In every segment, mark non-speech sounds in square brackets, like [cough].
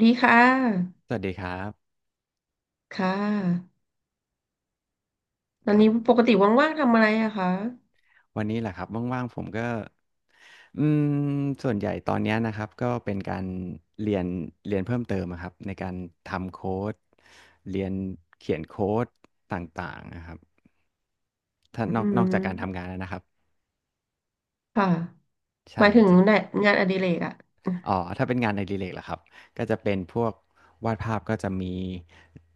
ดีค่ะ สวัสดีครับค่ะ ตอคนรับนี้ปกติว่างๆทำอะไรอะคะวันนี้แหละครับว่างๆผมก็อืมส่วนใหญ่ตอนเนี้ยนะครับก็เป็นการเรียนเรียนเพิ่มเติมอะครับในการทำโค้ดเรียนเขียนโค้ดต่างๆนะครับถ้าอืนอกจากการทำมงานแล้วนะครับค่ะหมาใช่ยถึงจะไหนงานอดิเรกอะอ๋อถ้าเป็นงานในรีเลกล่ะครับก็จะเป็นพวกวาดภาพก็จะมี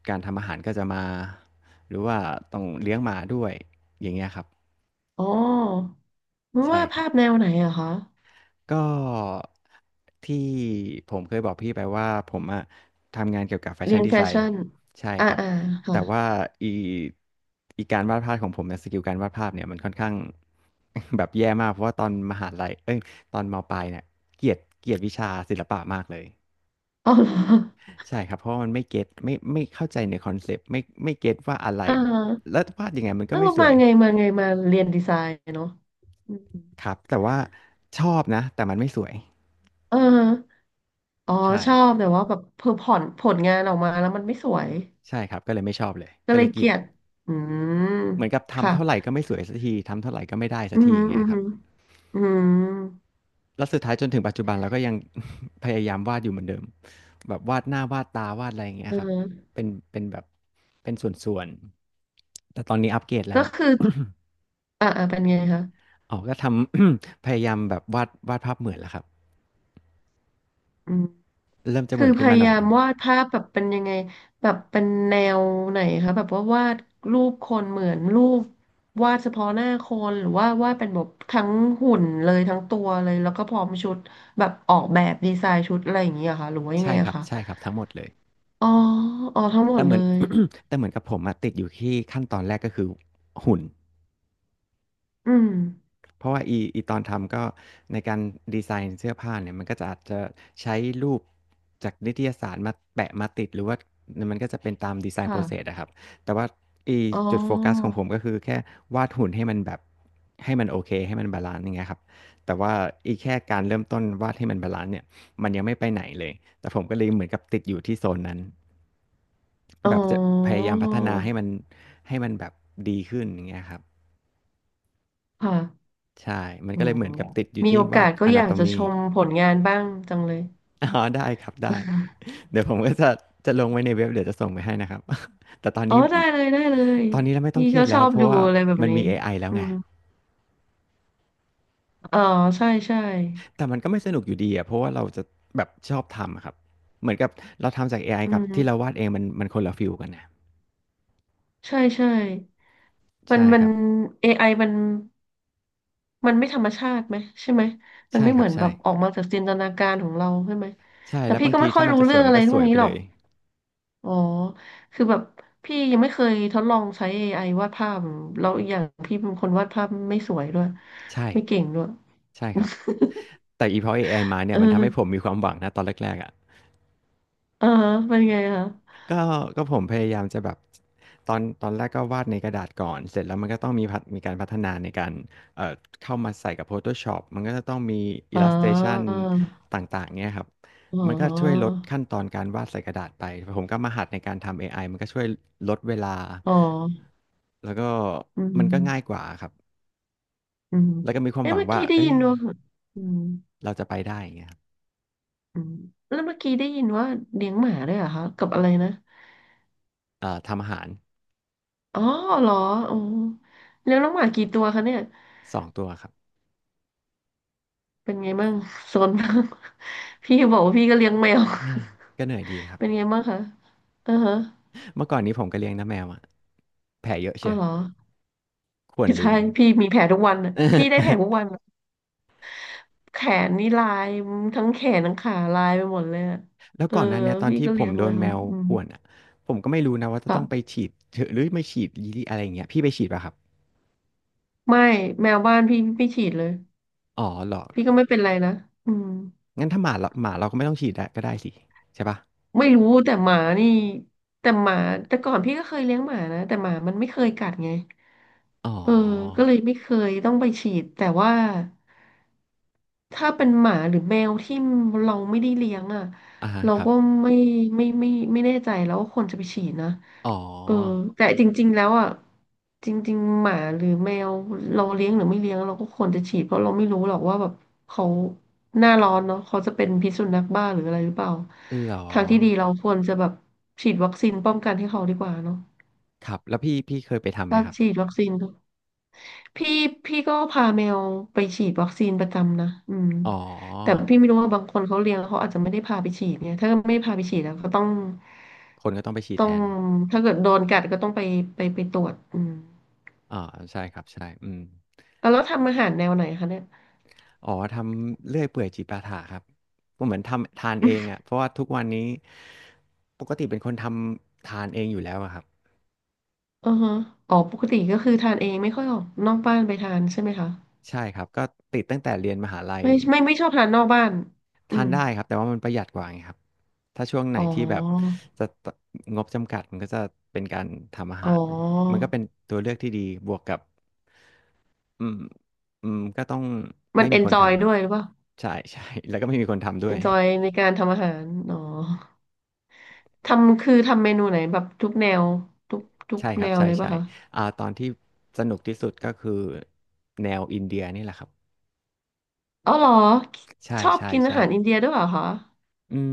การทำอาหารก็จะมาหรือว่าต้องเลี้ยงหมาด้วยอย่างเงี้ยครับอ๋อไม่ใช่ว่าครัภาบ พแนวไหนอะคะ ก็ที่ผมเคยบอกพี่ไปว่าผมอะทำงานเกี่ยวกับแฟเรีชั่นยนดีแฟไซน์ชั่นใช่อ่าครับอ่าแต่ค่ะ ว่าอีการวาดภาพของผมเนี่ยสกิลการวาดภาพเนี่ยมันค่อนข้าง [laughs] แบบแย่มากเพราะว่าตอนมหาลัยเอ้ยตอนมปลายเนี่ยเกลียดวิชาศิลปะมากเลยอ๋อเหรอใช่ครับเพราะว่ามันไม่เก็ตไม่ไม่เข้าใจในคอนเซปต์ไม่เก็ตว่าอะไรอ่าแล้ววาดยังไงมันเอก็อไม่สมาวยไงมาไงมาเรียนดีไซน์เนาะอืมครับแต่ว่าชอบนะแต่มันไม่สวยเอออ๋อ ใช่ชอบแต่ว่าแบบเพอผ่อนผลงานออกมาแล้วมันไม่สวย ใช่ครับก็เลยไม่ชอบเลยก็ก็เลเลยยเกเกลีลียด ยดอืมเหมือนกับทำค่ะ เท่าไหรก็ไม่สวยสักทีทำเท่าไหรก็ไม่ได้สัอืกทีมอย่างเงี้อืยมครับอืม แล้วสุดท้ายจนถึงปัจจุบันเราก็ยัง [laughs] พยายามวาดอยู่เหมือนเดิมแบบวาดหน้าวาดตาวาดอะไรอย่างเงี้ยอืครับมเป็นแบบเป็นส่วนๆแต่ตอนนี้อัปเกรดแล้ก็ว คืออ่าอ่าเป็นไงคะ [coughs] อ๋อก็ทำ [coughs] พยายามแบบวาดภาพเหมือนแล้วครับอืมเริ่มจะเหคือมือนพขึ้นมายาหน่อยายหมนึ่งวาดภาพแบบเป็นยังไงแบบเป็นแนวไหนคะแบบว่าวาดรูปคนเหมือนรูปวาดเฉพาะหน้าคนหรือว่าวาดเป็นแบบทั้งหุ่นเลยทั้งตัวเลยแล้วก็พร้อมชุดแบบออกแบบดีไซน์ชุดอะไรอย่างเงี้ยค่ะหรือว่ายังไงใช่คอะรับคะใช่ครับทั้งหมดเลย อ๋ออ๋อทั้งหมแต่ดเหเลมือน ย [coughs] แต่เหมือนกับผมอะติดอยู่ที่ขั้นตอนแรกก็คือหุ่น อืมเพราะว่าตอนทำก็ในการดีไซน์เสื้อผ้าเนี่ยมันก็จะอาจจะใช้รูปจากนิตยสารมาแปะมาติดหรือว่ามันก็จะเป็นตามดีไซน์ process ค่ะอะครับแต่ว่าอีอ๋จุดโฟกัสขอองผมก็คือแค่วาดหุ่นให้มันแบบให้มันโอเคให้มันบาลันซ์อย่างเงี้ยครับแต่ว่าแค่การเริ่มต้นวาดให้มันบาลันซ์เนี่ยมันยังไม่ไปไหนเลยแต่ผมก็เลยเหมือนกับติดอยู่ที่โซนนั้นอ๋อแบบจะพยายามพัฒนาให้มันให้มันแบบดีขึ้นอย่างเงี้ยครับค่ะใช่มันอ๋อก็เลยเหมือนกับติดอยู่มีที่โอวากาด สก็อยากจะช anatomy มผลงานบ้างจังเลย อ๋อได้ครับได้เดี๋ยวผมก็จะจะลงไว้ในเว็บเดี๋ยวจะส่งไปให้นะครับ [laughs] แต่ตอนอ๋อนี้ได้เลยได้เลยตอนนี้เราไม่ต้อพี่งเครียก็ดชแล้อวบเพราะดูว่าอะไรแบบมันนี้มีเอไอแล้วอืไงมอ๋อใช่ใช่แต่มันก็ไม่สนุกอยู่ดีอะเพราะว่าเราจะแบบชอบทำอะครับเหมือนกับเราทำจากเอไออืกับที่เรามวาดเองมันคนละฟิลกันนะใช่ใช่มัใช่นมัคนรับเอไ i มันมันไม่ธรรมชาติไหมใช่ไหมมันใช่ไม่คเหรัมืบอนแบใช่บออกมาจากจินตนาการของเราใช่ไหมใช่แต่แล้วพี่บางก็ทีไม่ค่อถ้ายมันรู้จะสเรื่อวยงมัอะนไรก็สพวกวยนี้ไปหรเลอกยอ๋อคือแบบพี่ยังไม่เคยทดลองใช้ a อไอวาดภาพแล้วอีกอย่างพี่เป็นคนวาดภาพไม่สวยด้วยใช่ไม่เก่งด้วย ใช่ครับ [laughs] แต่พอเอไอมาเนี่เอยมันทำให้ผมอมีความหวังนะตอนแรกๆอะ เออเป็นไงคะก็ก็ผมพยายามจะแบบตอนแรกก็วาดในกระดาษก่อนเสร็จแล้วมันก็ต้องมีมีการพัฒนาในการเอ่อเข้ามาใส่กับ Photoshop มันก็จะต้องมี อ๋อ Illustration ต่างๆเงี้ยครับอ๋อมันก็ช่วยลดขั้นตอนการวาดใส่กระดาษไปผมก็มาหัดในการทำเอไอมันก็ช่วยลดเวลาอ๋อแล้วก็อืมันก็ง่ายกมว่าครับอืมแล้วก็มีความหเอ๊ะวังเมื่อว่ากี้ได้เอ้ยิยนว่าอืมเราจะไปได้อย่างเงี้ยครับอืมแล้วเมื่อกี้ได้ยินว่าเลี้ยงหมาด้วยเหรอคะกับอะไรนะทำอาหารอ๋อเหรออ๋อเลี้ยงน้องหมากี่ตัวคะเนี่ย2ตัวครับเป็นไงบ้างโซนบ้าง [laughs] พี่บอกว่าพี่ก็เลี้ยงแมว อาก็เหนื่อยดีครั [laughs] บ เป็นไงบ้างคะเออฮะเมื่อก่อนนี้ผมก็เลี้ยงน้าแมวอะแผลเยอะอ๋เชีอยวเหรอข่วนลืใช่ม พี่มีแผลทุกวันน่ะพี่ได้แผล [laughs] ทุกวันน่ะแขนนี่ลายทั้งแขนทั้งขาลายไปหมดเลยอะแล้วเออก่อนหน้นเนี้ยตอนพี่ที่ก็ผเลี้ยมงโดแมนวแมวอืมข่วนอะ ผมก็ไม่รู้นะว่าจะต้องไปค่ะ ฉีดหรือไม่ฉีดยีอะไรอย่างเงี้ยพี่ไปฉีดป่ะครับ ไม่แมวบ้านพี่ไม่ฉีดเลยอ๋อเหรอพี่ก็ไม่เป็นไรนะอืมงั้นถ้าหมาเราก็ไม่ต้องฉีดได้ก็ได้สิใช่ป่ะไม่รู้แต่หมานี่แต่หมาแต่ก่อนพี่ก็เคยเลี้ยงหมานะแต่หมามันไม่เคยกัดไงอ๋อเออก็เลยไม่เคยต้องไปฉีดแต่ว่า ถ้าเป็นหมาหรือแมวที่เราไม่ได้เลี้ยงอ่ะอ่าฮะเราครัก็บ ไม่ไม่แน่ใจแล้วว่าควรจะไปฉีดนะอ๋เอออ แต่จริงๆแล้วอ่ะจริงๆหมาหรือแมวเราเลี้ยงหรือไม่เลี้ยงเราก็ควรจะฉีดเพราะเราไม่รู้หรอกว่าแบบเขาหน้าร้อนเนาะเขาจะเป็นพิษสุนัขบ้าหรืออะไรหรือเปล่าเหรอ ทางที่ดีเราควรจะแบบฉีดวัคซีนป้องกันให้เขาดีกว่าเนาะครับ แล้วพี่เคยไปทำไหมถ้าครับ ฉีดวัคซีน พี่พี่ก็พาแมวไปฉีดวัคซีนประจำนะอืมอ๋อ แต่พี่ไม่รู้ว่าบางคนเขาเลี้ยงเขาอาจจะไม่ได้พาไปฉีดเนี่ยถ้าไม่พาไปฉีดแล้วก็ต้องคนก็ต้องไปฉีดต้อแทงนถ้าเกิดโดนกัดก็ต้องไปไปไปตรวจอืมอ่าใช่ครับใช่อืม แล้วทำอาหารแนวไหนคะเนี่ยอ๋อทำเลื่อยเปื่อยจิปาถะครับก็เหมือนทำทานเองอ่ะเพราะว่าทุกวันนี้ปกติเป็นคนทำทานเองอยู่แล้วอะครับอือฮะอ๋อปกติก็คือทานเองไม่ค่อยออกนอกบ้านไปทานใช่ไหมคะ ใช่ครับก็ติดตั้งแต่เรียนมหาลัยไม่ไม่ไม่ชอบทานนอกบ้านอืทานมได้ครับแต่ว่ามันประหยัดกว่าไงครับถ้าช่วงไหนอ๋ที่แบบอจะงบจำกัดมันก็จะเป็นการทำอาอ๋อ หารมันก็เป็นตัวเลือกที่ดีบวกกับอืมก็ต้องมัไม่นเอมีนคนจทอยด้วยหรือเปล่าำใช่ใช่แล้วก็ไม่มีคนทำด้เอวย นจอยในการทำอาหารอ๋อ ทำคือทำเมนูไหนแบบทุกแนวทุกทุกใช่คแนรับวใช่เลยใช่ป่ะคะตอนที่สนุกที่สุดก็คือแนวอินเดียนี่แหละครับอ๋อเหรอใช่ชอบใช่กินอาใช่หารอินเดียด้วยเหรอคะอืม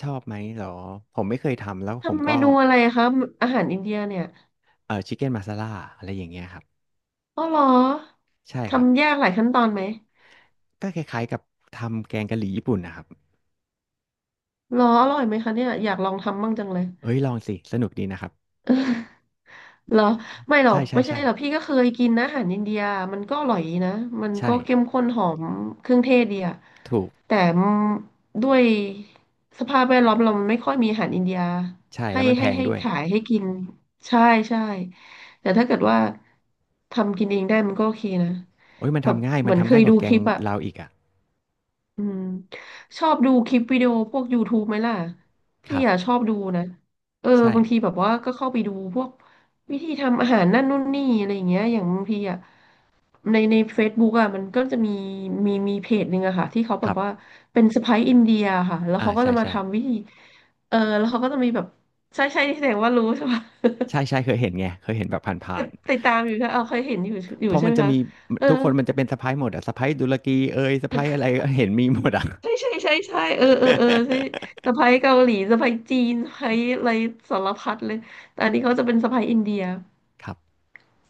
ชอบไหมเหรอผมไม่เคยทำแล้วผมทำเมก็นูอะไรคะอาหารอินเดียเนี่ยชิคเก้นมาซาล่าอะไรอย่างเงี้ยครับอ๋อเหรอใช่ครับทำยากหลายขั้นตอนไหมก็คล้ายๆกับทำแกงกะหรี่ญี่ปุ่นนะครับเหรออร่อยไหมคะเนี่ยอยากลองทำบ้างจังเลย เอ้ยลองสิสนุกดีนะครับเหรอไม่หรอใช่กใช่ไม่ใช่ใช่หรอกพี่ก็เคยกินนะอาหารอินเดียมันก็อร่อยดีนะมันก็ใช่เข้มข้นหอมเครื่องเทศดีอะถูกแต่ด้วยสภาพแวดล้อมเรามันไม่ค่อยมีอาหารอินเดียใช่ให้แล้วมันแพให้งให้ด้วยขายให้กินใช่ใช่แต่ถ้าเกิดว่าทำกินเองได้มันก็โอเคนะโอ้ยมันแบบทำง่ายเหมือนเคยกดูว่าแกคงลิปอะ เราอีกอ่ะอืมชอบดูคลิปวิดีโอพวก YouTube ไหมล่ะคพี่รับอ่ะชอบดูนะเออใช่บางทีแบบว่าก็เข้าไปดูพวกวิธีทำอาหารนั่นนู่นนี่อะไรอย่างเงี้ยอย่างบางทีอ่ะใน Facebook อ่ะมันก็จะมีมีเพจหนึ่งอะค่ะที่เขาคแบบรับว่าเป็นสะใภ้อินเดียค่ะแล้วอ่าเขาก็ใช่จะมาใช่ ทำวิธีเออแล้วเขาก็จะมีแบบใช่ใช่ที่แสดงว่ารู้ใช่ปะ ใช่ [laughs] ใช่เคยเห็นไงเคยเห็นแบบผ่าตินดๆตดตามอยู่ใช่เออเคยเห็นอยู่อยู่เพราะใช่มันไหมจะคะมีเออ ทุกคนมันจะเป็นสะพ้ายหมดอะสะพ้ายดุลกีเอยสะพ้ายอะไรเห็นมีหมดอะ [laughs] ใช่ใช่ใช่ใช่เออเออเออใช่สะใภ้เกาหลีสะใภ้จีนสะใภ้อะไรสารพัดเลยแต่อันนี้เขาจะเป็นสะใภ้อินเดียครับ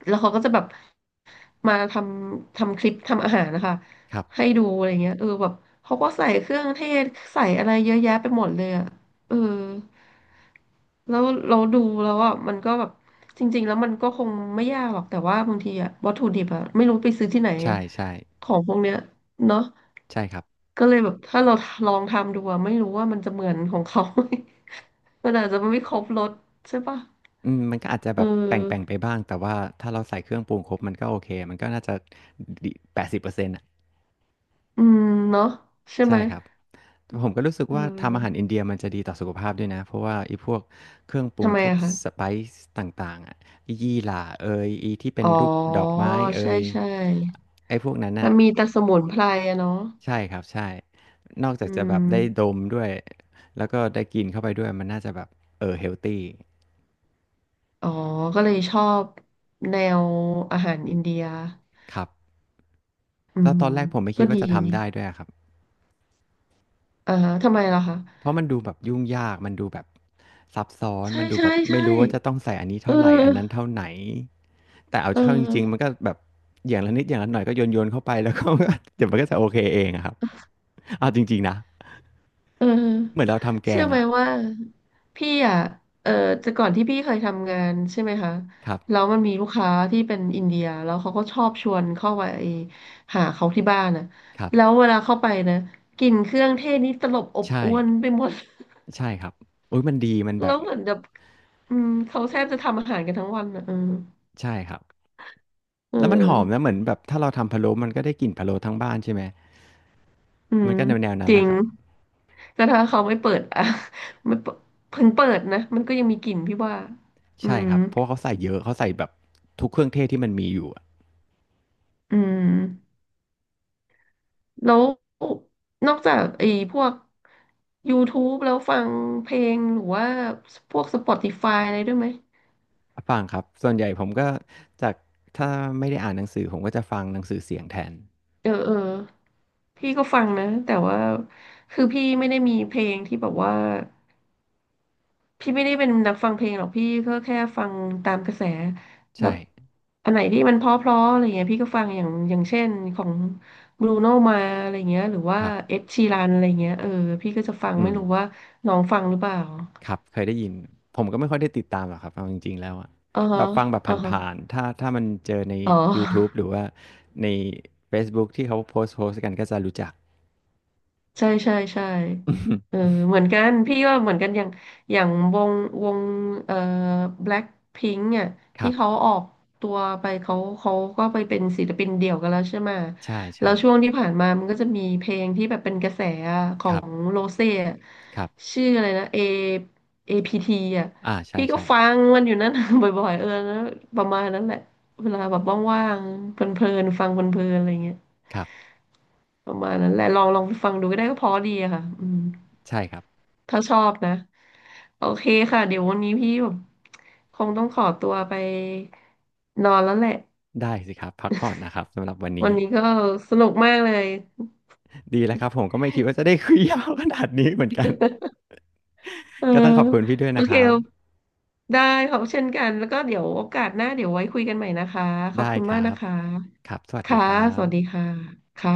แล้วเขาก็จะแบบมาทำคลิปทำอาหารนะคะครับให้ดูอะไรเงี้ยเออแบบเขาก็ใส่เครื่องเทศใส่อะไรเยอะแยะไปหมดเลยอ่ะเออแล้วเราดูแล้วอ่ะมันก็แบบจริงๆแล้วมันก็คงไม่ยากหรอกแต่ว่าบางทีอ่ะวัตถุดิบอ่ะไม่รู้ไปซื้อที่ไหนใช่ใช่ของพวกเนี้ยเนาะ ใช่ครับก็เลยแบบถ้าเราลองทำดูอะไม่รู้ว่ามันจะเหมือนของเขา [laughs] ไหม [laughs] มันอาจจะไม่ครบรสใช่ปะอืมมันก็อาจจะเอแบบแป่งแป่งอไปบ้างแต่ว่าถ้าเราใส่เครื่องปรุงครบมันก็โอเคมันก็น่าจะ80%อ่ะอืมเนาะใช่ไหมใช่ครับ ผมก็รู้สึกเอว่าทำอาหารอิอนเดียมันจะดีต่อสุขภาพด้วยนะเพราะว่าไอ้พวกเครื่องปรุทำงไมพวกอะคะสไปซ์ต่างๆอะอียี่หร่าเอยอีที่เป็อ๋นอรูปดอกไม้เอใช่ยใช่ไอ้พวกนั้นมัน่ะนมีแต่สมุนไพรอะเนาะใช่ครับใช่นอกจาอืกจะแบบได้ดมมด้วยแล้วก็ได้กินเข้าไปด้วยมันน่าจะแบบเฮลตีอ๋อก็เลยชอบแนวอาหารอินเดียครับอืแล้วตมอนแรกผมไม่คิก็ดดีว่าจะทำได้ด้วยอะครับ อ่าฮะทำไมล่ะคะเพราะมันดูแบบยุ่งยากมันดูแบบซับซ้อนใช่มันดูแบใช่บไม่ใช่รู้ว่าจะต้องใส่อันนี้เอเท่าไรอันนั้นอเท่าไหนแต่เอาเอเข้าจริงๆมันอ ก็แบบอย่างละนิดอย่างละหน่อยก็โยนๆเข้าไปแล้วก็เดี๋ยวมันก็จะโอเคเองอะครับเอาจริงๆนะเออเหมือนเราทำแกเชื่องไหมอะว่าพี่อ่ะเออแต่ก่อนที่พี่เคยทำงานใช่ไหมคะครับแล้วมันมีลูกค้าที่เป็นอินเดียแล้วเขาก็ชอบชวนเข้าไปหาเขาที่บ้านนะครับแล้วเวลาเข้าไปนะกลิ่นเครื่องเทศนี่ตลบอบใช่อวนไปหมด ใช่ครับอุ๊ยมันดีมัน [laughs] แบแล้บวเหมือนแบบอืมเขาแทบจะทำอาหารกันทั้งวันนะเออใช่ครับเออแล้วมันหอมนะเหมือนแบบถ้าเราทำพะโล้มันก็ได้กลิ่นพะโล้ทั้งบ้านใช่ไหมอืมัมนก็แนวๆนั้จนแหริละงครับแต่ถ้าเขาไม่เปิด [laughs] อ่ะไม่เปิดเพิ่งเปิดนะมันก็ยังมีกลิ่นพี่ว่าอืใช่คมรับเพราะว่าเขาใส่เยอะเขาใส่แบบทุกเครื่องเทศที่มันมีอยู่อะ อืม แล้วนอกจากไอ้พวก YouTube แล้วฟังเพลงหรือว่าพวก Spotify อะไรด้วยไหมฟังครับส่วนใหญ่ผมก็จากถ้าไม่ได้อ่านหนังสือผมก็จะฟังหนังสือเสียงแทนเออเออพี่ก็ฟังนะแต่ว่าคือพี่ไม่ได้มีเพลงที่แบบว่าพี่ไม่ได้เป็นนักฟังเพลงหรอกพี่ก็แค่ฟังตามกระแสแบใช่บอันไหนที่มันเพราะๆอะไรเงี้ยพี่ก็ฟังอย่างเช่นของบรูโนมาอะไรเงี้ยหรือว่าครับเอ็ดชีรันอะไรเงี้ยเออพี่ก็จะฟังอืไม่มรู้ว่าน้องฟังหรือเปล่าครับเคยได้ยินผมก็ไม่ค่อยได้ติดตามหรอกครับเอาจริงๆแล้วอะอ่าแบฮะบฟังแบบอ่าฮะ ผ่านๆถ้ามันเจอในอ๋อยูทูบหรือว่าในเฟซบุ๊กที่เขาโพสต์กันก็จะรู้จัก ใช่ใช่ใช่ [laughs] อือฮึเออเหมือนกันพี่ว่าเหมือนกันอย่างอย่างวงเอ่อแบล็คพิงค์อ่ะคที่รัเขาบออกตัวไปเขาก็ไปเป็นศิลปินเดี่ยวกันแล้วใช่ไหมแล้ใช่วช่วงที่ผ่านมามันก็จะมีเพลงที่แบบเป็นกระแสอะขๆอครับงโรเซ่อะครับชื่ออะไรนะ A เอพี p t อ่ะอาใพี่ก็ช่ฟังมันอยู่นั่น [laughs] บ่อยๆเออแล้วประมาณนั้นแหละเวลาแบบว่างๆเพลินๆฟังเพลินๆอะไรเงี้ย ๆครับประมาณนั้นแหละลองฟังดูก็ได้ก็เพอดีอะค่ะอืมใช่ครับถ้าชอบนะโอเคค่ะเดี๋ยววันนี้พี่แบบคงต้องขอตัวไปนอนแล้วแหละได้สิครับพักผ่อนนะครับสำหรับวันวันี้นนี้ก็สนุกมากเลยดีแล้วครับผมก็ไม่คิดว่าจะได้คุยยาวขนาดนี้เหมือนกัน เออก็ต้องขอบคุณพี่ด้วยโอนะคเครับ ได้ขอบเช่นกันแล้วก็เดี๋ยวโอกาสหน้าเดี๋ยวไว้คุยกันใหม่นะคะขอบได้คุณครัมากนะบ คะครับ สวัสดีค่ะครัสวัสดีบค่ะค่ะ